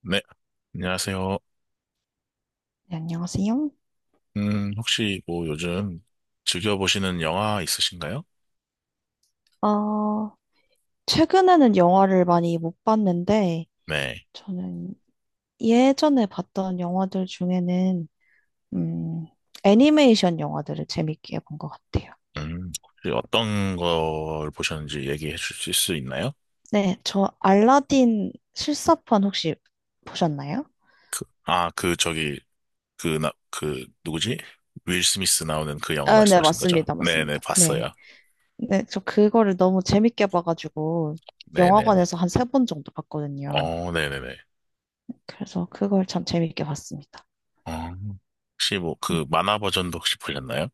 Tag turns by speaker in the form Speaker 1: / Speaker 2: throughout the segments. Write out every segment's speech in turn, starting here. Speaker 1: 네, 안녕하세요.
Speaker 2: 네, 안녕하세요.
Speaker 1: 혹시 뭐 요즘 즐겨보시는 영화 있으신가요?
Speaker 2: 어, 최근에는 영화를 많이 못 봤는데,
Speaker 1: 네.
Speaker 2: 저는 예전에 봤던 영화들 중에는, 음, 애니메이션 영화들을 재밌게 본 것 같아요.
Speaker 1: 혹시 어떤 걸 보셨는지 얘기해 주실 수 있나요?
Speaker 2: 네, 저 알라딘 실사판 혹시 보셨나요?
Speaker 1: 그, 아, 그, 저기, 그, 나, 그, 누구지? 윌 스미스 나오는 그 영화
Speaker 2: 아, 네,
Speaker 1: 말씀하신 거죠?
Speaker 2: 맞습니다.
Speaker 1: 네네,
Speaker 2: 맞습니다. 네.
Speaker 1: 봤어요.
Speaker 2: 네, 저 그거를 너무 재밌게 봐가지고,
Speaker 1: 네네네.
Speaker 2: 영화관에서 한 세 번 정도 봤거든요.
Speaker 1: 어, 네네네.
Speaker 2: 그래서 그걸 참 재밌게 봤습니다.
Speaker 1: 어, 혹시 뭐
Speaker 2: 음.
Speaker 1: 그 만화 버전도 혹시 보셨나요?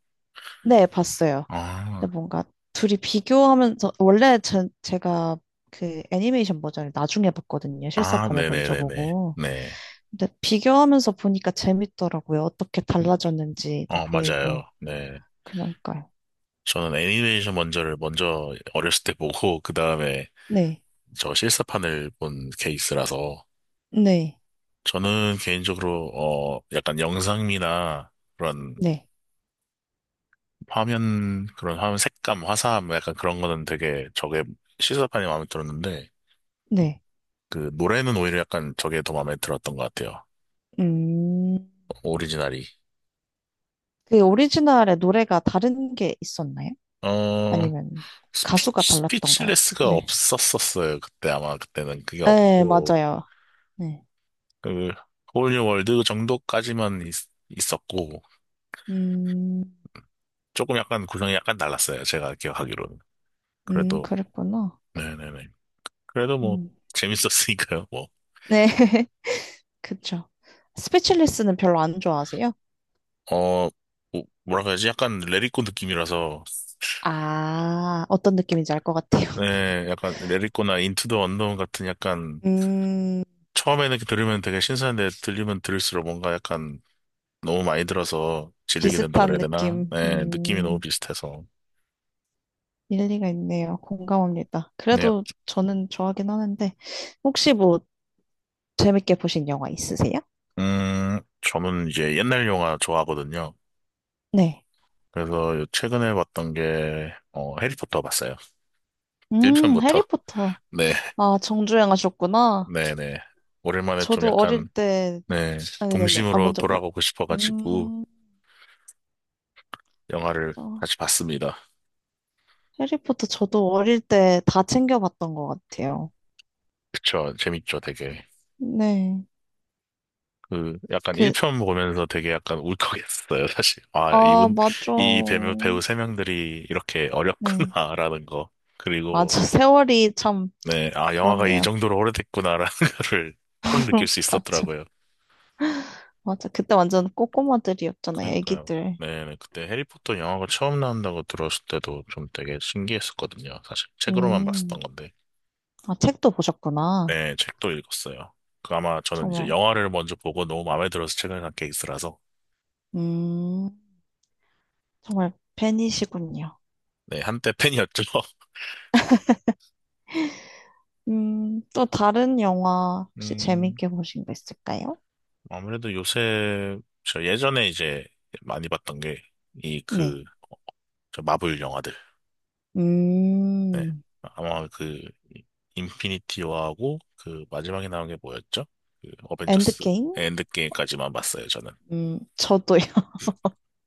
Speaker 2: 네, 봤어요.
Speaker 1: 아,
Speaker 2: 근데 뭔가 둘이 비교하면서 원래 전 제가 그 애니메이션 버전을 나중에 봤거든요.
Speaker 1: 아,
Speaker 2: 실사판을 먼저
Speaker 1: 네네네네. 네. 네,
Speaker 2: 보고.
Speaker 1: 네. 네.
Speaker 2: 근데 비교하면서 보니까 재밌더라고요. 어떻게
Speaker 1: 음,
Speaker 2: 달라졌는지도
Speaker 1: 어, 맞아요.
Speaker 2: 보이고.
Speaker 1: 네.
Speaker 2: 그러니까요.
Speaker 1: 저는 애니메이션 먼저 어렸을 때 보고 그 다음에
Speaker 2: 네.
Speaker 1: 저 실사판을 본 케이스라서
Speaker 2: 네.
Speaker 1: 저는 개인적으로 어 약간 영상미나 그런
Speaker 2: 네.
Speaker 1: 그런 화면 색감 화사함 약간 그런 거는 되게 저게 실사판이 마음에 들었는데
Speaker 2: 네.
Speaker 1: 그 노래는 오히려 약간 저게 더 마음에 들었던 것 같아요.
Speaker 2: 음.
Speaker 1: 오리지널이
Speaker 2: 그 오리지널의 노래가 다른 게 있었나요?
Speaker 1: 어
Speaker 2: 아니면 가수가 달랐던가요?
Speaker 1: 스피치레스가
Speaker 2: 네.
Speaker 1: 없었었어요. 그때 아마 그때는 그게
Speaker 2: 네,
Speaker 1: 없고
Speaker 2: 맞아요. 네.
Speaker 1: 그 홀리 월드 정도까지만 있었고
Speaker 2: 음.
Speaker 1: 조금 약간 구성이 약간 달랐어요. 제가 기억하기로는. 그래도,
Speaker 2: 그랬구나.
Speaker 1: 네네네. 그래도 뭐,
Speaker 2: 음.
Speaker 1: 재밌었으니까요, 뭐.
Speaker 2: 네. 그쵸. 스피치리스는 별로 안 좋아하세요?
Speaker 1: 어, 뭐라고 해야지? 약간 레리코 느낌이라서,
Speaker 2: 아, 어떤 느낌인지 알 것 같아요.
Speaker 1: 네, 약간 레리코나 인투 더 언더운 같은 약간,
Speaker 2: 음,
Speaker 1: 처음에는 들으면 되게 신선한데 들리면 들을수록 뭔가 약간 너무 많이 들어서 질리게 된다
Speaker 2: 비슷한
Speaker 1: 그래야 되나?
Speaker 2: 느낌.
Speaker 1: 네, 느낌이 너무 비슷해서.
Speaker 2: 일리가 있네요. 공감합니다.
Speaker 1: 네, 약-
Speaker 2: 그래도 저는 좋아하긴 하는데, 혹시 뭐 재밌게 보신 영화 있으세요?
Speaker 1: 저는 이제 옛날 영화 좋아하거든요.
Speaker 2: 네.
Speaker 1: 그래서 요 최근에 봤던 게, 어, 해리포터 봤어요. 1편부터.
Speaker 2: 해리포터.
Speaker 1: 네.
Speaker 2: 아, 정주행 하셨구나.
Speaker 1: 네네. 오랜만에 좀
Speaker 2: 저도 어릴
Speaker 1: 약간,
Speaker 2: 때,
Speaker 1: 네,
Speaker 2: 아, 네네네. 아,
Speaker 1: 동심으로
Speaker 2: 먼저 말,
Speaker 1: 돌아가고 싶어가지고,
Speaker 2: 음,
Speaker 1: 영화를
Speaker 2: 저,
Speaker 1: 다시 봤습니다.
Speaker 2: 해리포터 저도 어릴 때 다 챙겨봤던 것 같아요.
Speaker 1: 그쵸, 재밌죠, 되게.
Speaker 2: 네.
Speaker 1: 그, 약간
Speaker 2: 그
Speaker 1: 1편 보면서 되게 약간 울컥했어요, 사실. 아,
Speaker 2: 아,
Speaker 1: 이분,
Speaker 2: 맞아.
Speaker 1: 이 배우 3명들이 이렇게
Speaker 2: 네.
Speaker 1: 어렵구나라는 거. 그리고,
Speaker 2: 맞아. 세월이 참
Speaker 1: 네, 아, 영화가 이
Speaker 2: 그렇네요.
Speaker 1: 정도로 오래됐구나라는 거를 확 느낄 수
Speaker 2: 맞아.
Speaker 1: 있었더라고요.
Speaker 2: 맞아. 그때 완전 꼬꼬마들이었잖아요.
Speaker 1: 그니까요.
Speaker 2: 애기들.
Speaker 1: 네, 네. 그때 해리포터 영화가 처음 나온다고 들었을 때도 좀 되게 신기했었거든요. 사실 책으로만 봤었던
Speaker 2: 음.
Speaker 1: 건데.
Speaker 2: 아, 책도 보셨구나.
Speaker 1: 네, 책도 읽었어요. 그 아마 저는 이제
Speaker 2: 정말.
Speaker 1: 영화를 먼저 보고 너무 마음에 들어서 책을 산 케이스라서.
Speaker 2: 음. 정말 팬이시군요.
Speaker 1: 네, 한때 팬이었죠.
Speaker 2: 음. 또 다른 영화 혹시
Speaker 1: 음,
Speaker 2: 재밌게 보신 거 있을까요?
Speaker 1: 아무래도 요새, 저 예전에 이제 많이 봤던 게, 이
Speaker 2: 네.
Speaker 1: 그, 저 마블 영화들. 네.
Speaker 2: 음.
Speaker 1: 아마 그, 인피니티 워하고, 그 마지막에 나온 게 뭐였죠? 그 어벤져스
Speaker 2: 엔드게임?
Speaker 1: 엔드게임까지만 봤어요, 저는.
Speaker 2: 음. 저도요.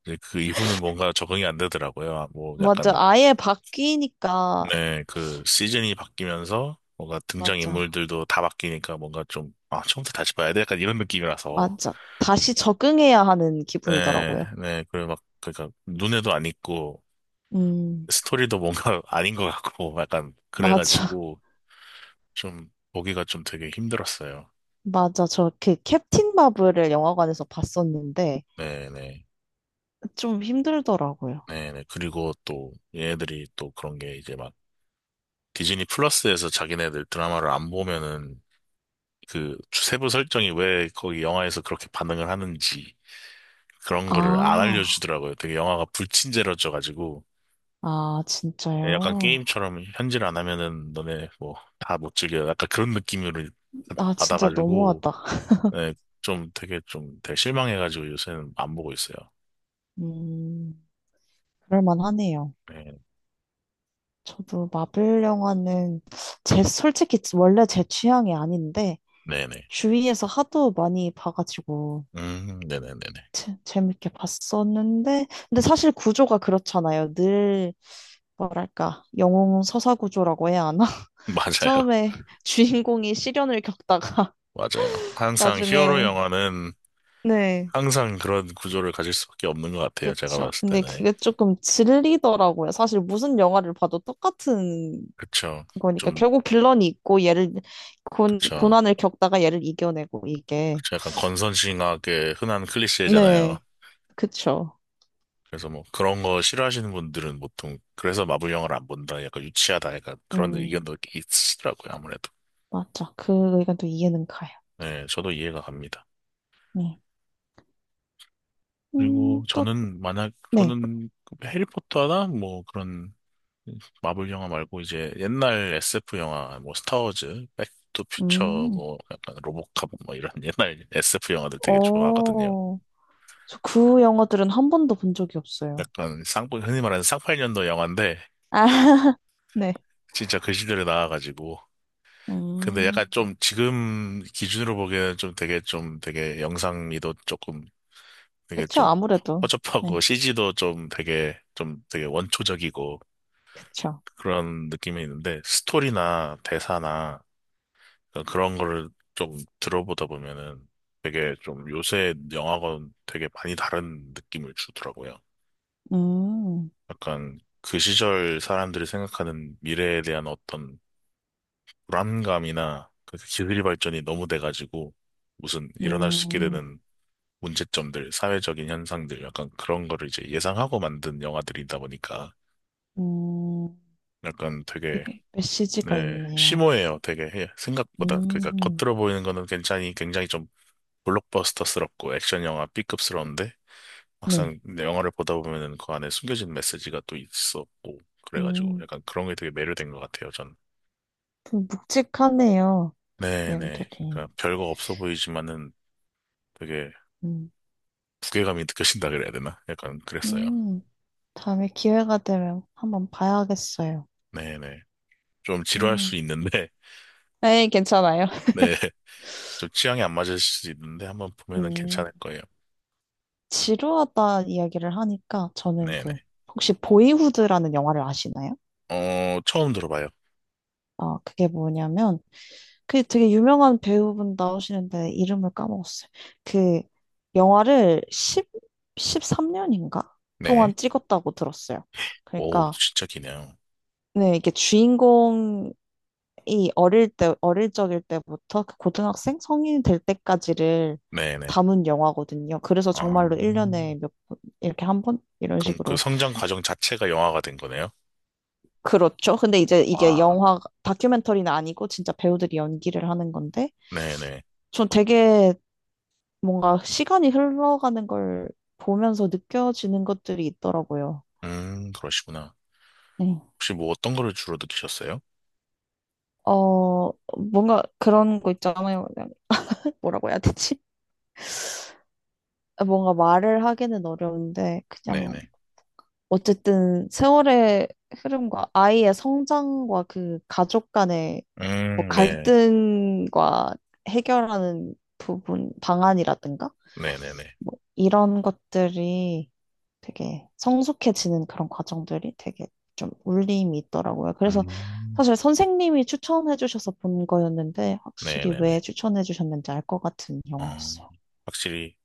Speaker 1: 이제 그 이후는 뭔가 적응이 안 되더라고요. 뭐
Speaker 2: 맞아.
Speaker 1: 약간
Speaker 2: 아예 바뀌니까.
Speaker 1: 네, 그 시즌이 바뀌면서 뭔가
Speaker 2: 맞아.
Speaker 1: 등장인물들도 다 바뀌니까 뭔가 좀, 아, 처음부터 다시 봐야 돼? 약간 이런 느낌이라서.
Speaker 2: 맞아. 다시 적응해야 하는
Speaker 1: 네,
Speaker 2: 기분이더라고요.
Speaker 1: 네, 그리고 막, 그러니까 눈에도 안 익고
Speaker 2: 음,
Speaker 1: 스토리도 뭔가 아닌 것 같고 약간
Speaker 2: 맞아.
Speaker 1: 그래가지고 좀 보기가 되게 힘들었어요.
Speaker 2: 맞아. 저 그 캡틴 마블을 영화관에서 봤었는데
Speaker 1: 네, 네,
Speaker 2: 좀 힘들더라고요.
Speaker 1: 네, 네. 그리고 또 얘네들이 또 그런 게 이제 막 디즈니 플러스에서 자기네들 드라마를 안 보면은 그 세부 설정이 왜 거기 영화에서 그렇게 반응을 하는지 그런 거를 안
Speaker 2: 아,
Speaker 1: 알려주더라고요. 되게 영화가 불친절해져가지고
Speaker 2: 아,
Speaker 1: 약간
Speaker 2: 진짜요?
Speaker 1: 게임처럼 현질 안 하면은 너네 뭐 다 못 즐겨. 약간 그런 느낌을
Speaker 2: 아, 진짜
Speaker 1: 받아가지고
Speaker 2: 너무하다.
Speaker 1: 네, 좀 되게 실망해가지고 요새는 안 보고 있어요.
Speaker 2: 음, 그럴만하네요.
Speaker 1: 네,
Speaker 2: 저도 마블 영화는 제, 솔직히 원래 제 취향이 아닌데
Speaker 1: 네네.
Speaker 2: 주위에서 하도 많이 봐가지고
Speaker 1: 네네네네.
Speaker 2: 재밌게 봤었는데 근데 사실 구조가 그렇잖아요. 늘 뭐랄까 영웅 서사 구조라고 해야 하나?
Speaker 1: 맞아요.
Speaker 2: 처음에 주인공이 시련을 겪다가
Speaker 1: 맞아요. 항상 히어로
Speaker 2: 나중에
Speaker 1: 영화는
Speaker 2: 네.
Speaker 1: 항상 그런 구조를 가질 수밖에 없는 것 같아요. 제가
Speaker 2: 그쵸.
Speaker 1: 봤을
Speaker 2: 근데
Speaker 1: 때는.
Speaker 2: 그게 조금 질리더라고요. 사실 무슨 영화를 봐도 똑같은
Speaker 1: 그쵸.
Speaker 2: 거니까
Speaker 1: 좀,
Speaker 2: 결국 빌런이 있고 얘를
Speaker 1: 그쵸.
Speaker 2: 고난을 겪다가 얘를 이겨내고 이게
Speaker 1: 그쵸. 약간 건선징악의 흔한 클리셰잖아요.
Speaker 2: 네 그쵸.
Speaker 1: 그래서 뭐 그런 거 싫어하시는 분들은 보통 그래서 마블 영화를 안 본다, 약간 유치하다, 약간 그런
Speaker 2: 음
Speaker 1: 의견도 있으시더라고요, 아무래도.
Speaker 2: 맞죠. 그 의견도 이해는 가요.
Speaker 1: 네, 저도 이해가 갑니다. 그리고 저는 해리포터나 뭐 그런 마블 영화 말고 이제 옛날 SF 영화 뭐 스타워즈, 백투퓨처
Speaker 2: 네음또네음어저
Speaker 1: 뭐 약간 로보캅 뭐 이런 옛날 SF 영화들 되게 좋아하거든요.
Speaker 2: 그 영화들은 한 번도 본 적이 없어요.
Speaker 1: 약간 쌍 흔히 말하는 쌍팔년도 영화인데
Speaker 2: 아, 네.
Speaker 1: 진짜 그 시대를 나와가지고 근데 약간
Speaker 2: 음.
Speaker 1: 좀 지금 기준으로 보기에는 되게 좀 되게 영상미도 조금 되게
Speaker 2: 그쵸,
Speaker 1: 좀
Speaker 2: 아무래도.
Speaker 1: 허접하고
Speaker 2: 네,
Speaker 1: CG도 되게 좀 되게 원초적이고
Speaker 2: 그쵸.
Speaker 1: 그런 느낌이 있는데 스토리나 대사나 그런 거를 좀 들어보다 보면은 되게 좀 요새 영화건 되게 많이 다른 느낌을 주더라고요.
Speaker 2: 음,
Speaker 1: 약간 그 시절 사람들이 생각하는 미래에 대한 어떤 불안감이나 그 기술이 발전이 너무 돼가지고 무슨 일어날 수 있게
Speaker 2: 음,
Speaker 1: 되는 문제점들, 사회적인 현상들, 약간 그런 거를 이제 예상하고 만든 영화들이다 보니까
Speaker 2: 음,
Speaker 1: 약간 되게,
Speaker 2: 되게 메시지가
Speaker 1: 네,
Speaker 2: 있네요.
Speaker 1: 심오해요. 되게 예, 생각보다. 그러니까
Speaker 2: 음,
Speaker 1: 겉으로 보이는 거는 굉장히 좀 블록버스터스럽고 액션 영화 B급스러운데
Speaker 2: 네.
Speaker 1: 막상 내 영화를 보다 보면은 그 안에 숨겨진 메시지가 또 있었고 그래가지고
Speaker 2: 음,
Speaker 1: 약간 그런 게 되게 매료된 것 같아요, 전.
Speaker 2: 좀 묵직하네요,
Speaker 1: 네네.
Speaker 2: 내용들이.
Speaker 1: 그러니까 별거 없어 보이지만은 되게
Speaker 2: 음,
Speaker 1: 무게감이 느껴진다 그래야 되나? 약간 그랬어요.
Speaker 2: 음, 다음에 기회가 되면 한번 봐야겠어요.
Speaker 1: 네네. 좀 지루할 수
Speaker 2: 음,
Speaker 1: 있는데,
Speaker 2: 네, 괜찮아요.
Speaker 1: 네. 저 취향이 안 맞을 수도 있는데 한번 보면은
Speaker 2: 음,
Speaker 1: 괜찮을 거예요.
Speaker 2: 지루하다 이야기를 하니까 저는
Speaker 1: 네네.
Speaker 2: 그, 혹시 보이후드라는 영화를 아시나요?
Speaker 1: 어, 처음 들어봐요.
Speaker 2: 아, 그게 뭐냐면, 그 되게 유명한 배우분 나오시는데 이름을 까먹었어요. 그 영화를 1 십삼 3년인가
Speaker 1: 네.
Speaker 2: 동안 찍었다고 들었어요.
Speaker 1: 오,
Speaker 2: 그러니까
Speaker 1: 진짜 기네요.
Speaker 2: 네, 이게 주인공이 어릴 적일 때부터 그 고등학생 성인이 될 때까지를
Speaker 1: 네네.
Speaker 2: 담은 영화거든요. 그래서
Speaker 1: 아,
Speaker 2: 정말로 1년에 몇 번, 이렇게 한 번? 이런
Speaker 1: 그럼 그
Speaker 2: 식으로.
Speaker 1: 성장 과정 자체가 영화가 된 거네요?
Speaker 2: 그렇죠. 근데 이제 이게
Speaker 1: 와.
Speaker 2: 영화, 다큐멘터리는 아니고 진짜 배우들이 연기를 하는 건데,
Speaker 1: 네네.
Speaker 2: 전 되게 뭔가 시간이 흘러가는 걸 보면서 느껴지는 것들이 있더라고요.
Speaker 1: 그러시구나.
Speaker 2: 네.
Speaker 1: 혹시 뭐 어떤 거를 주로 느끼셨어요?
Speaker 2: 어, 뭔가 그런 거 있잖아요. 그냥 뭐라고 해야 되지? 뭔가 말을 하기는 어려운데, 그냥
Speaker 1: 네네.
Speaker 2: 어쨌든 세월의 흐름과 아이의 성장과 그 가족 간의 뭐
Speaker 1: 네.
Speaker 2: 갈등과 해결하는 부분, 방안이라든가?
Speaker 1: 네네네.
Speaker 2: 뭐 이런 것들이 되게 성숙해지는 그런 과정들이 되게 좀 울림이 있더라고요. 그래서
Speaker 1: 음,
Speaker 2: 사실 선생님이 추천해 주셔서 본 거였는데 확실히
Speaker 1: 네네네.
Speaker 2: 왜 추천해 주셨는지 알 것 같은
Speaker 1: 어,
Speaker 2: 영화였어요.
Speaker 1: 확실히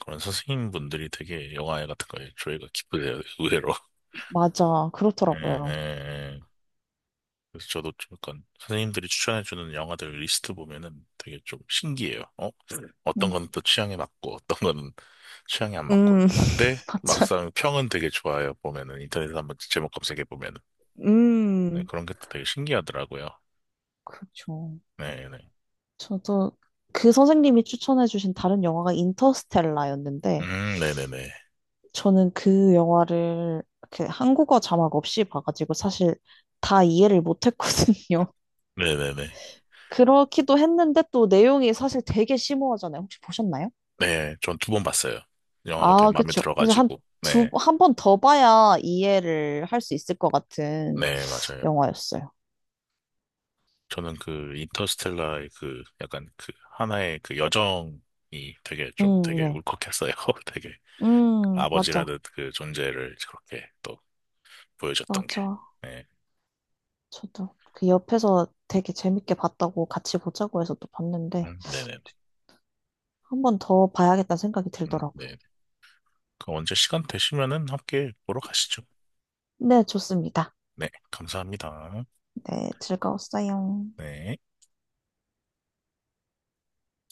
Speaker 1: 그런 선생님분들이 되게 영화 같은 거에 조예가 깊으세요, 의외로.
Speaker 2: 맞아.
Speaker 1: 예, 예,
Speaker 2: 그렇더라고요.
Speaker 1: 예. 그래서 저도 좀 약간 선생님들이 추천해주는 영화들 리스트 보면은 되게 좀 신기해요. 어? 어떤
Speaker 2: 음,
Speaker 1: 건 또 취향에 맞고, 어떤 거는 취향에 안 맞고요.
Speaker 2: 음,
Speaker 1: 근데
Speaker 2: 맞아.
Speaker 1: 막상 평은 되게 좋아요. 보면은 인터넷에 서 한번 제목 검색해 보면은 네,
Speaker 2: 음.
Speaker 1: 그런 게 또 되게 신기하더라고요.
Speaker 2: 그렇죠.
Speaker 1: 네네.
Speaker 2: 저도 그 선생님이 추천해 주신 다른 영화가 인터스텔라였는데
Speaker 1: 네네네.
Speaker 2: 저는 그 영화를 그 한국어 자막 없이 봐가지고 사실 다 이해를 못했거든요.
Speaker 1: 네네네. 네, 네, 네, 네.
Speaker 2: 그렇기도 했는데 또 내용이 사실 되게 심오하잖아요. 혹시 보셨나요?
Speaker 1: 네, 전 두 번 봤어요. 영화가 되게
Speaker 2: 아,
Speaker 1: 마음에
Speaker 2: 그쵸. 그래서
Speaker 1: 들어가지고. 네,
Speaker 2: 한 번 더 봐야 이해를 할 수 있을 것 같은
Speaker 1: 네, 맞아요.
Speaker 2: 영화였어요.
Speaker 1: 저는 그 인터스텔라의 그 약간 그 하나의 그 여정이 되게 좀 되게
Speaker 2: 네.
Speaker 1: 울컥했어요. 되게.
Speaker 2: 맞아.
Speaker 1: 아버지라듯 그 존재를 그렇게 또 보여줬던 게.
Speaker 2: 맞아.
Speaker 1: 네.
Speaker 2: 저도 그 옆에서 되게 재밌게 봤다고 같이 보자고 해서 또 봤는데
Speaker 1: 네네네.
Speaker 2: 한 번 더 봐야겠다는 생각이 들더라고요.
Speaker 1: 네. 그 언제 시간 되시면은 함께 보러 가시죠.
Speaker 2: 네, 좋습니다.
Speaker 1: 네. 감사합니다.
Speaker 2: 네, 즐거웠어요.
Speaker 1: 네.